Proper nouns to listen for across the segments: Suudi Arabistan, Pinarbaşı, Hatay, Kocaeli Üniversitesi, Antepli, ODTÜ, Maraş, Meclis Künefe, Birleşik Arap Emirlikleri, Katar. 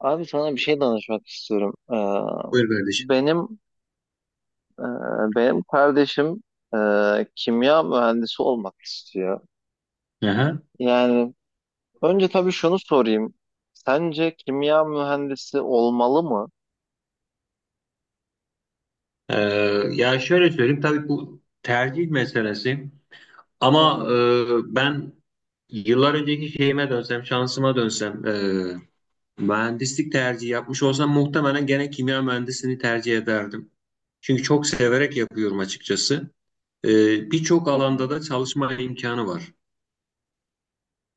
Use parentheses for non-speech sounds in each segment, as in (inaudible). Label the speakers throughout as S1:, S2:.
S1: Abi sana bir şey danışmak istiyorum.
S2: Buyur kardeşim.
S1: Benim e, benim kardeşim kimya mühendisi olmak istiyor.
S2: Aha.
S1: Yani önce tabii şunu sorayım. Sence kimya mühendisi olmalı mı?
S2: Ee, Ya şöyle söyleyeyim, tabii bu tercih meselesi,
S1: Hı
S2: ama
S1: hı,
S2: ben yıllar önceki şeyime dönsem, şansıma dönsem, mühendislik tercihi yapmış olsam, muhtemelen gene kimya mühendisliğini tercih ederdim. Çünkü çok severek yapıyorum açıkçası. E, Birçok
S1: hı
S2: alanda
S1: hı.
S2: da çalışma imkanı var.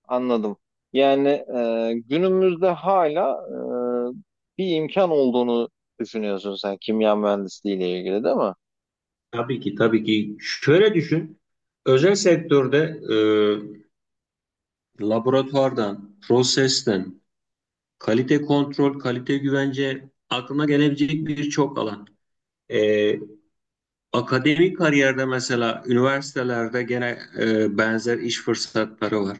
S1: Anladım. Yani günümüzde hala bir imkan olduğunu düşünüyorsun sen kimya mühendisliği ile ilgili değil mi?
S2: Tabii ki tabii ki şöyle düşün, özel sektörde e, laboratuvardan, prosesten, kalite kontrol, kalite güvence aklına gelebilecek birçok alan. Ee, Akademik kariyerde, mesela üniversitelerde gene benzer iş fırsatları var.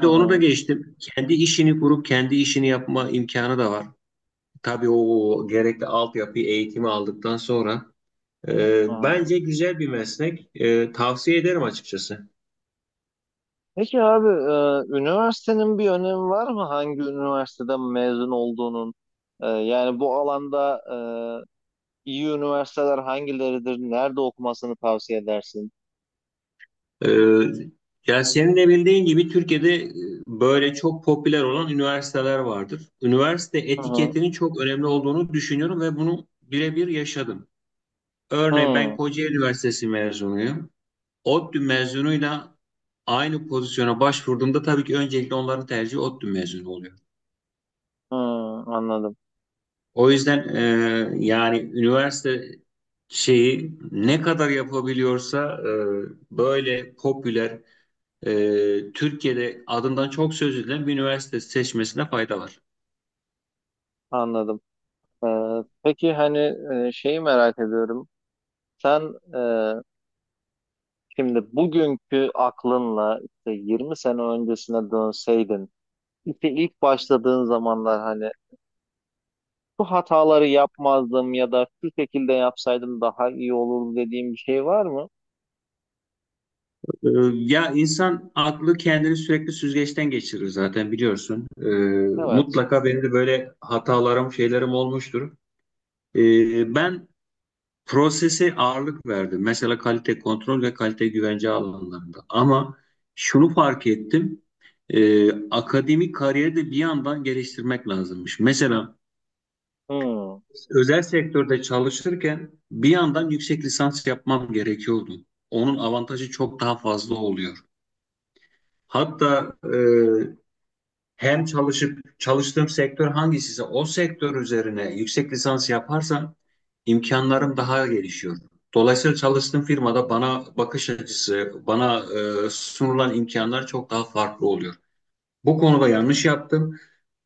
S1: Hı
S2: onu da
S1: hı,
S2: geçtim. Kendi işini kurup kendi işini yapma imkanı da var. Tabii o gerekli altyapıyı, eğitimi aldıktan sonra.
S1: hı hı.
S2: Bence güzel bir meslek. Tavsiye ederim açıkçası.
S1: Peki abi üniversitenin bir önemi var mı? Hangi üniversiteden mezun olduğunun? Yani bu alanda e, iyi üniversiteler hangileridir? Nerede okumasını tavsiye edersin?
S2: Ee, Ya senin de bildiğin gibi Türkiye'de böyle çok popüler olan üniversiteler vardır. Üniversite
S1: Hı hı.
S2: etiketinin çok önemli olduğunu düşünüyorum ve bunu birebir yaşadım. Örneğin ben
S1: Hı,
S2: Kocaeli Üniversitesi mezunuyum. ODTÜ mezunuyla aynı pozisyona başvurduğumda tabii ki öncelikle onların tercihi ODTÜ mezunu oluyor.
S1: hı, anladım,
S2: O yüzden yani üniversite şeyi ne kadar yapabiliyorsa böyle popüler, Türkiye'de adından çok söz edilen bir üniversite seçmesine fayda var.
S1: anladım. E, peki hani şeyi merak ediyorum. Sen şimdi bugünkü aklınla işte 20 sene öncesine dönseydin, işte ilk başladığın zamanlar hani şu hataları yapmazdım ya da şu şekilde yapsaydım daha iyi olur dediğim bir şey var mı?
S2: E, Ya insan aklı kendini sürekli süzgeçten geçirir zaten, biliyorsun.
S1: Evet.
S2: Mutlaka benim de böyle hatalarım, şeylerim olmuştur. Ben prosese ağırlık verdim. Mesela kalite kontrol ve kalite güvence alanlarında. Ama şunu fark ettim. Akademik kariyeri de bir yandan geliştirmek lazımmış. Mesela
S1: Hmm. Hı
S2: özel sektörde çalışırken bir yandan yüksek lisans yapmam gerekiyordu. Onun avantajı çok daha fazla oluyor. Hatta hem çalışıp çalıştığım sektör hangisiyse o sektör üzerine yüksek lisans yaparsam
S1: hı.
S2: imkanlarım daha gelişiyor. Dolayısıyla çalıştığım firmada bana bakış açısı, bana sunulan imkanlar çok daha farklı oluyor. Bu konuda yanlış yaptım.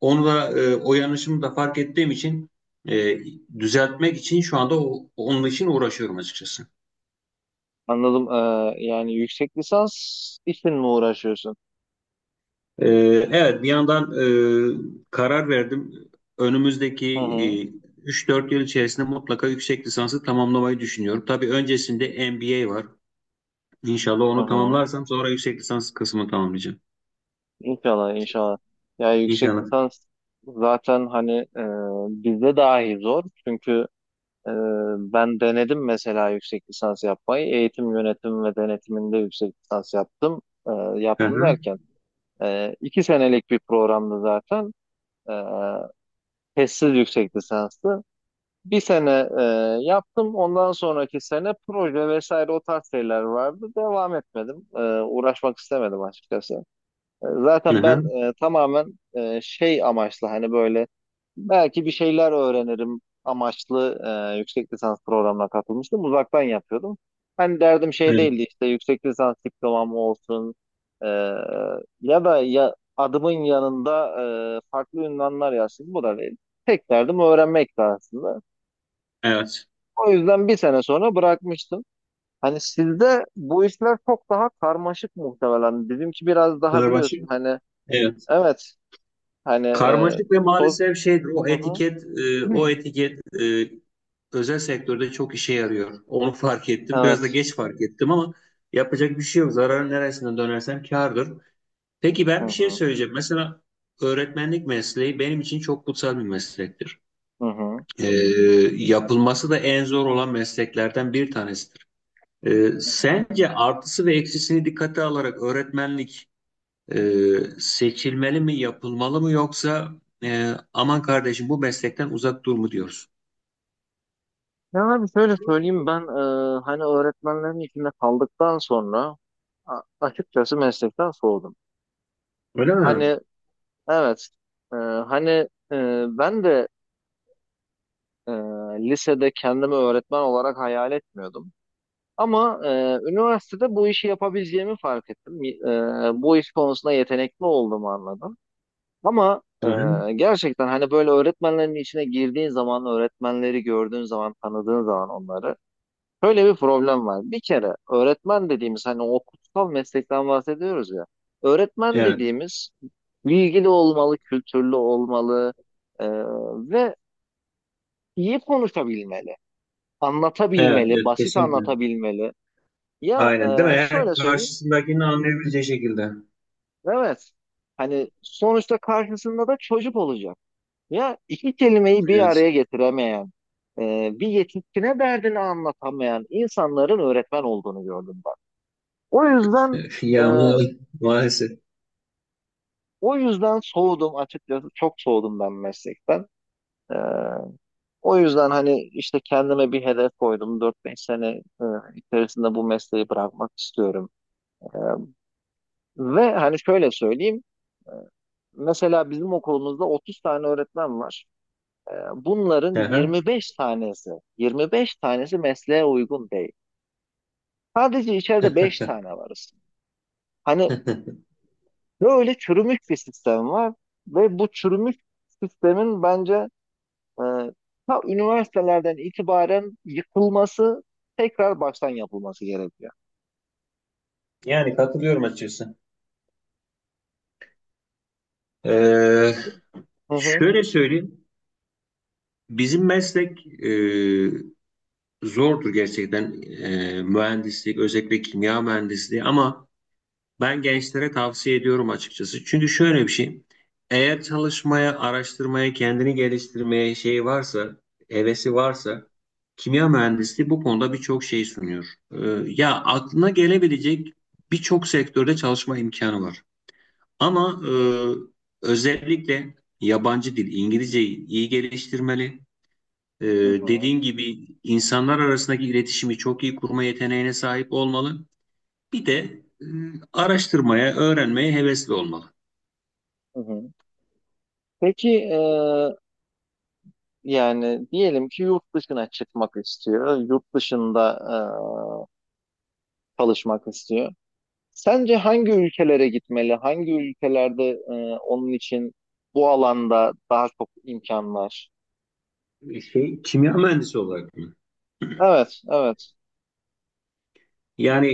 S2: Onu da o yanlışımı da fark ettiğim için e, düzeltmek için şu anda onun için uğraşıyorum açıkçası.
S1: Anladım. Yani yüksek lisans için mi uğraşıyorsun?
S2: E, evet, bir yandan karar verdim. Önümüzdeki
S1: Hı hı.
S2: 3-4 yıl içerisinde mutlaka yüksek lisansı tamamlamayı düşünüyorum. Tabii öncesinde MBA var. İnşallah
S1: Hı
S2: onu
S1: hı.
S2: tamamlarsam sonra yüksek lisans kısmını tamamlayacağım.
S1: İnşallah, inşallah. Ya yüksek
S2: İnşallah.
S1: lisans zaten hani e, bizde dahi zor. Çünkü e, ben denedim mesela yüksek lisans yapmayı. Eğitim yönetimi ve denetiminde yüksek lisans yaptım. E,
S2: Hı
S1: yaptım
S2: hı.
S1: derken. 2 senelik bir programdı zaten. E, testsiz yüksek lisansı. Bir sene yaptım. Ondan sonraki sene proje vesaire o tarz şeyler vardı. Devam etmedim. Uğraşmak istemedim açıkçası.
S2: Hı
S1: Zaten ben
S2: hı.
S1: tamamen şey amaçlı hani böyle belki bir şeyler öğrenirim amaçlı yüksek lisans programına katılmıştım. Uzaktan yapıyordum. Hani derdim şey
S2: Evet.
S1: değildi işte yüksek lisans diplomam olsun e, ya da ya adımın yanında farklı ünvanlar yazsın bu da değil. Tek derdim öğrenmekti aslında.
S2: Evet.
S1: O yüzden bir sene sonra bırakmıştım. Hani sizde bu işler çok daha karmaşık muhtemelen. Bizimki biraz daha
S2: Pınarbaşı.
S1: biliyorsun hani.
S2: Evet.
S1: Evet. Hani
S2: Karmaşık ve
S1: sol...
S2: maalesef şeydir. O
S1: Hı hı.
S2: etiket, e, o
S1: Hı.
S2: etiket e, özel sektörde çok işe yarıyor. Onu fark ettim. Biraz da
S1: Evet.
S2: geç fark ettim, ama yapacak bir şey yok. Zararın neresinden dönersem kârdır. Peki,
S1: Hı
S2: ben bir şey
S1: hı.
S2: söyleyeceğim. Mesela öğretmenlik mesleği benim için çok kutsal bir meslektir.
S1: Hı hı.
S2: E, Yapılması da en zor olan mesleklerden bir tanesidir.
S1: Hı hı.
S2: Sence artısı ve eksisini dikkate alarak öğretmenlik seçilmeli mi, yapılmalı mı, yoksa aman kardeşim bu meslekten uzak dur mu diyoruz?
S1: Ya abi şöyle söyleyeyim ben hani öğretmenlerin içinde kaldıktan sonra açıkçası meslekten soğudum.
S2: Öyle mi?
S1: Hani evet hani ben de e, lisede kendimi öğretmen olarak hayal etmiyordum. Ama üniversitede bu işi yapabileceğimi fark ettim. Bu iş konusunda yetenekli olduğumu anladım. Ama
S2: Hı hı.
S1: gerçekten hani böyle öğretmenlerin içine girdiğin zaman, öğretmenleri gördüğün zaman, tanıdığın zaman onları şöyle bir problem var. Bir kere öğretmen dediğimiz hani o kutsal meslekten bahsediyoruz ya. Öğretmen
S2: Evet,
S1: dediğimiz bilgili olmalı, kültürlü olmalı e, ve iyi konuşabilmeli,
S2: evet,
S1: anlatabilmeli,
S2: evet,
S1: basit
S2: kesinlikle.
S1: anlatabilmeli. Ya
S2: Aynen, değil mi?
S1: şöyle
S2: Yani
S1: söyleyeyim,
S2: karşısındakini anlayabileceği şekilde.
S1: evet, hani sonuçta karşısında da çocuk olacak. Ya iki kelimeyi bir
S2: Evet.
S1: araya getiremeyen, bir yetişkine derdini anlatamayan insanların öğretmen olduğunu gördüm ben. O yüzden
S2: (laughs)
S1: e,
S2: Ya maalesef.
S1: o yüzden soğudum açıkçası. Çok soğudum ben meslekten. E, o yüzden hani işte kendime bir hedef koydum. 4-5 sene e, içerisinde bu mesleği bırakmak istiyorum. E, ve hani şöyle söyleyeyim. e, Mesela bizim okulumuzda 30 tane öğretmen var. Bunların
S2: Hı hı.
S1: 25 tanesi, 25 tanesi mesleğe uygun değil. Sadece içeride 5 tane varız. Hani böyle çürümüş bir sistem var ve bu çürümüş sistemin bence e, ta üniversitelerden itibaren yıkılması, tekrar baştan yapılması gerekiyor.
S2: Yani katılıyorum açıkçası. Ee,
S1: Hı hı.
S2: Şöyle söyleyeyim. Bizim meslek, zordur gerçekten. Mühendislik, özellikle kimya mühendisliği, ama ben gençlere tavsiye ediyorum açıkçası. Çünkü şöyle bir şey. Eğer çalışmaya, araştırmaya, kendini geliştirmeye şey varsa, hevesi varsa, kimya mühendisliği bu konuda birçok şey sunuyor. Ee, Ya aklına gelebilecek birçok sektörde çalışma imkanı var. Ama özellikle yabancı dil, İngilizceyi iyi geliştirmeli. Ee,
S1: Hı hı,
S2: Dediğin gibi insanlar arasındaki iletişimi çok iyi kurma yeteneğine sahip olmalı. Bir de e, araştırmaya, öğrenmeye hevesli olmalı.
S1: hı hı. Peki yani diyelim ki yurt dışına çıkmak istiyor, yurt dışında çalışmak istiyor. Sence hangi ülkelere gitmeli? Hangi ülkelerde onun için bu alanda daha çok imkan var?
S2: Şey, kimya mühendisi olarak mı?
S1: Evet, evet.
S2: Yani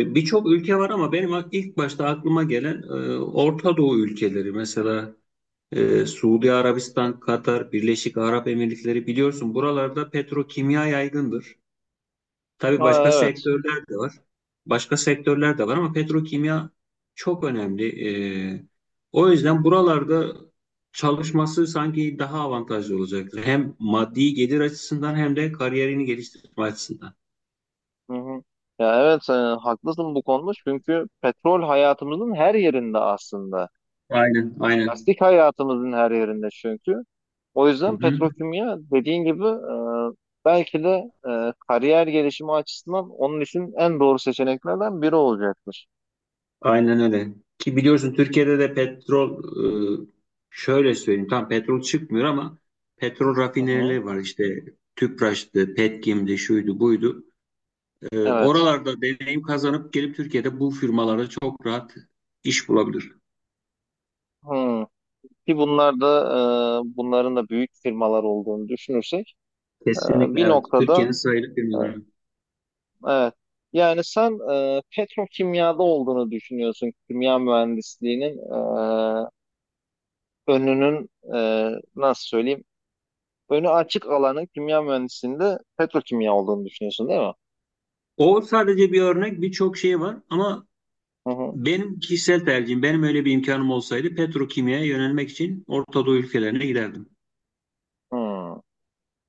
S2: birçok ülke var ama benim ilk başta aklıma gelen Orta Doğu ülkeleri. Mesela Suudi Arabistan, Katar, Birleşik Arap Emirlikleri, biliyorsun buralarda petrokimya yaygındır. Tabii
S1: Ha,
S2: başka
S1: evet.
S2: sektörler de var. Başka sektörler de var ama petrokimya çok önemli. Ee, O yüzden buralarda çalışması sanki daha avantajlı olacaktır. Hem maddi gelir açısından hem de kariyerini geliştirme açısından.
S1: Hı hı. Ya evet, haklısın bu konuda çünkü petrol hayatımızın her yerinde aslında.
S2: Aynen, aynen.
S1: Plastik hayatımızın her yerinde çünkü. O
S2: Hı
S1: yüzden
S2: hı.
S1: petrokimya dediğin gibi belki de kariyer gelişimi açısından onun için en doğru seçeneklerden biri olacaktır.
S2: Aynen öyle. Ki biliyorsun Türkiye'de de petrol, e, şöyle söyleyeyim, tam petrol çıkmıyor ama petrol
S1: Hı hı.
S2: rafinerileri var işte. Tüpraş'tı, Petkim'di, şuydu, buydu.
S1: Evet.
S2: Oralarda deneyim kazanıp gelip Türkiye'de bu firmalara çok rahat iş bulabilir.
S1: Hı. Ki bunlar da bunların da büyük firmalar olduğunu düşünürsek e,
S2: Kesinlikle
S1: bir
S2: evet.
S1: noktada
S2: Türkiye'nin sayılı
S1: e,
S2: firmaları.
S1: evet. Yani sen petrokimyada olduğunu düşünüyorsun kimya mühendisliğinin önünün nasıl söyleyeyim önü açık alanın kimya mühendisliğinde petrokimya olduğunu düşünüyorsun değil mi?
S2: O sadece bir örnek, birçok şey var ama
S1: Hı hı.
S2: benim kişisel tercihim, benim öyle bir imkanım olsaydı, petrokimyaya yönelmek için Orta Doğu ülkelerine giderdim.
S1: Hı.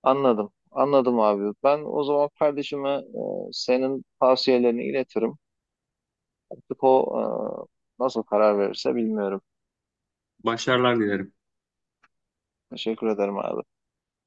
S1: Anladım. Anladım abi. Ben o zaman kardeşime senin tavsiyelerini iletirim. Artık o nasıl karar verirse bilmiyorum.
S2: Başarılar dilerim.
S1: Teşekkür ederim abi.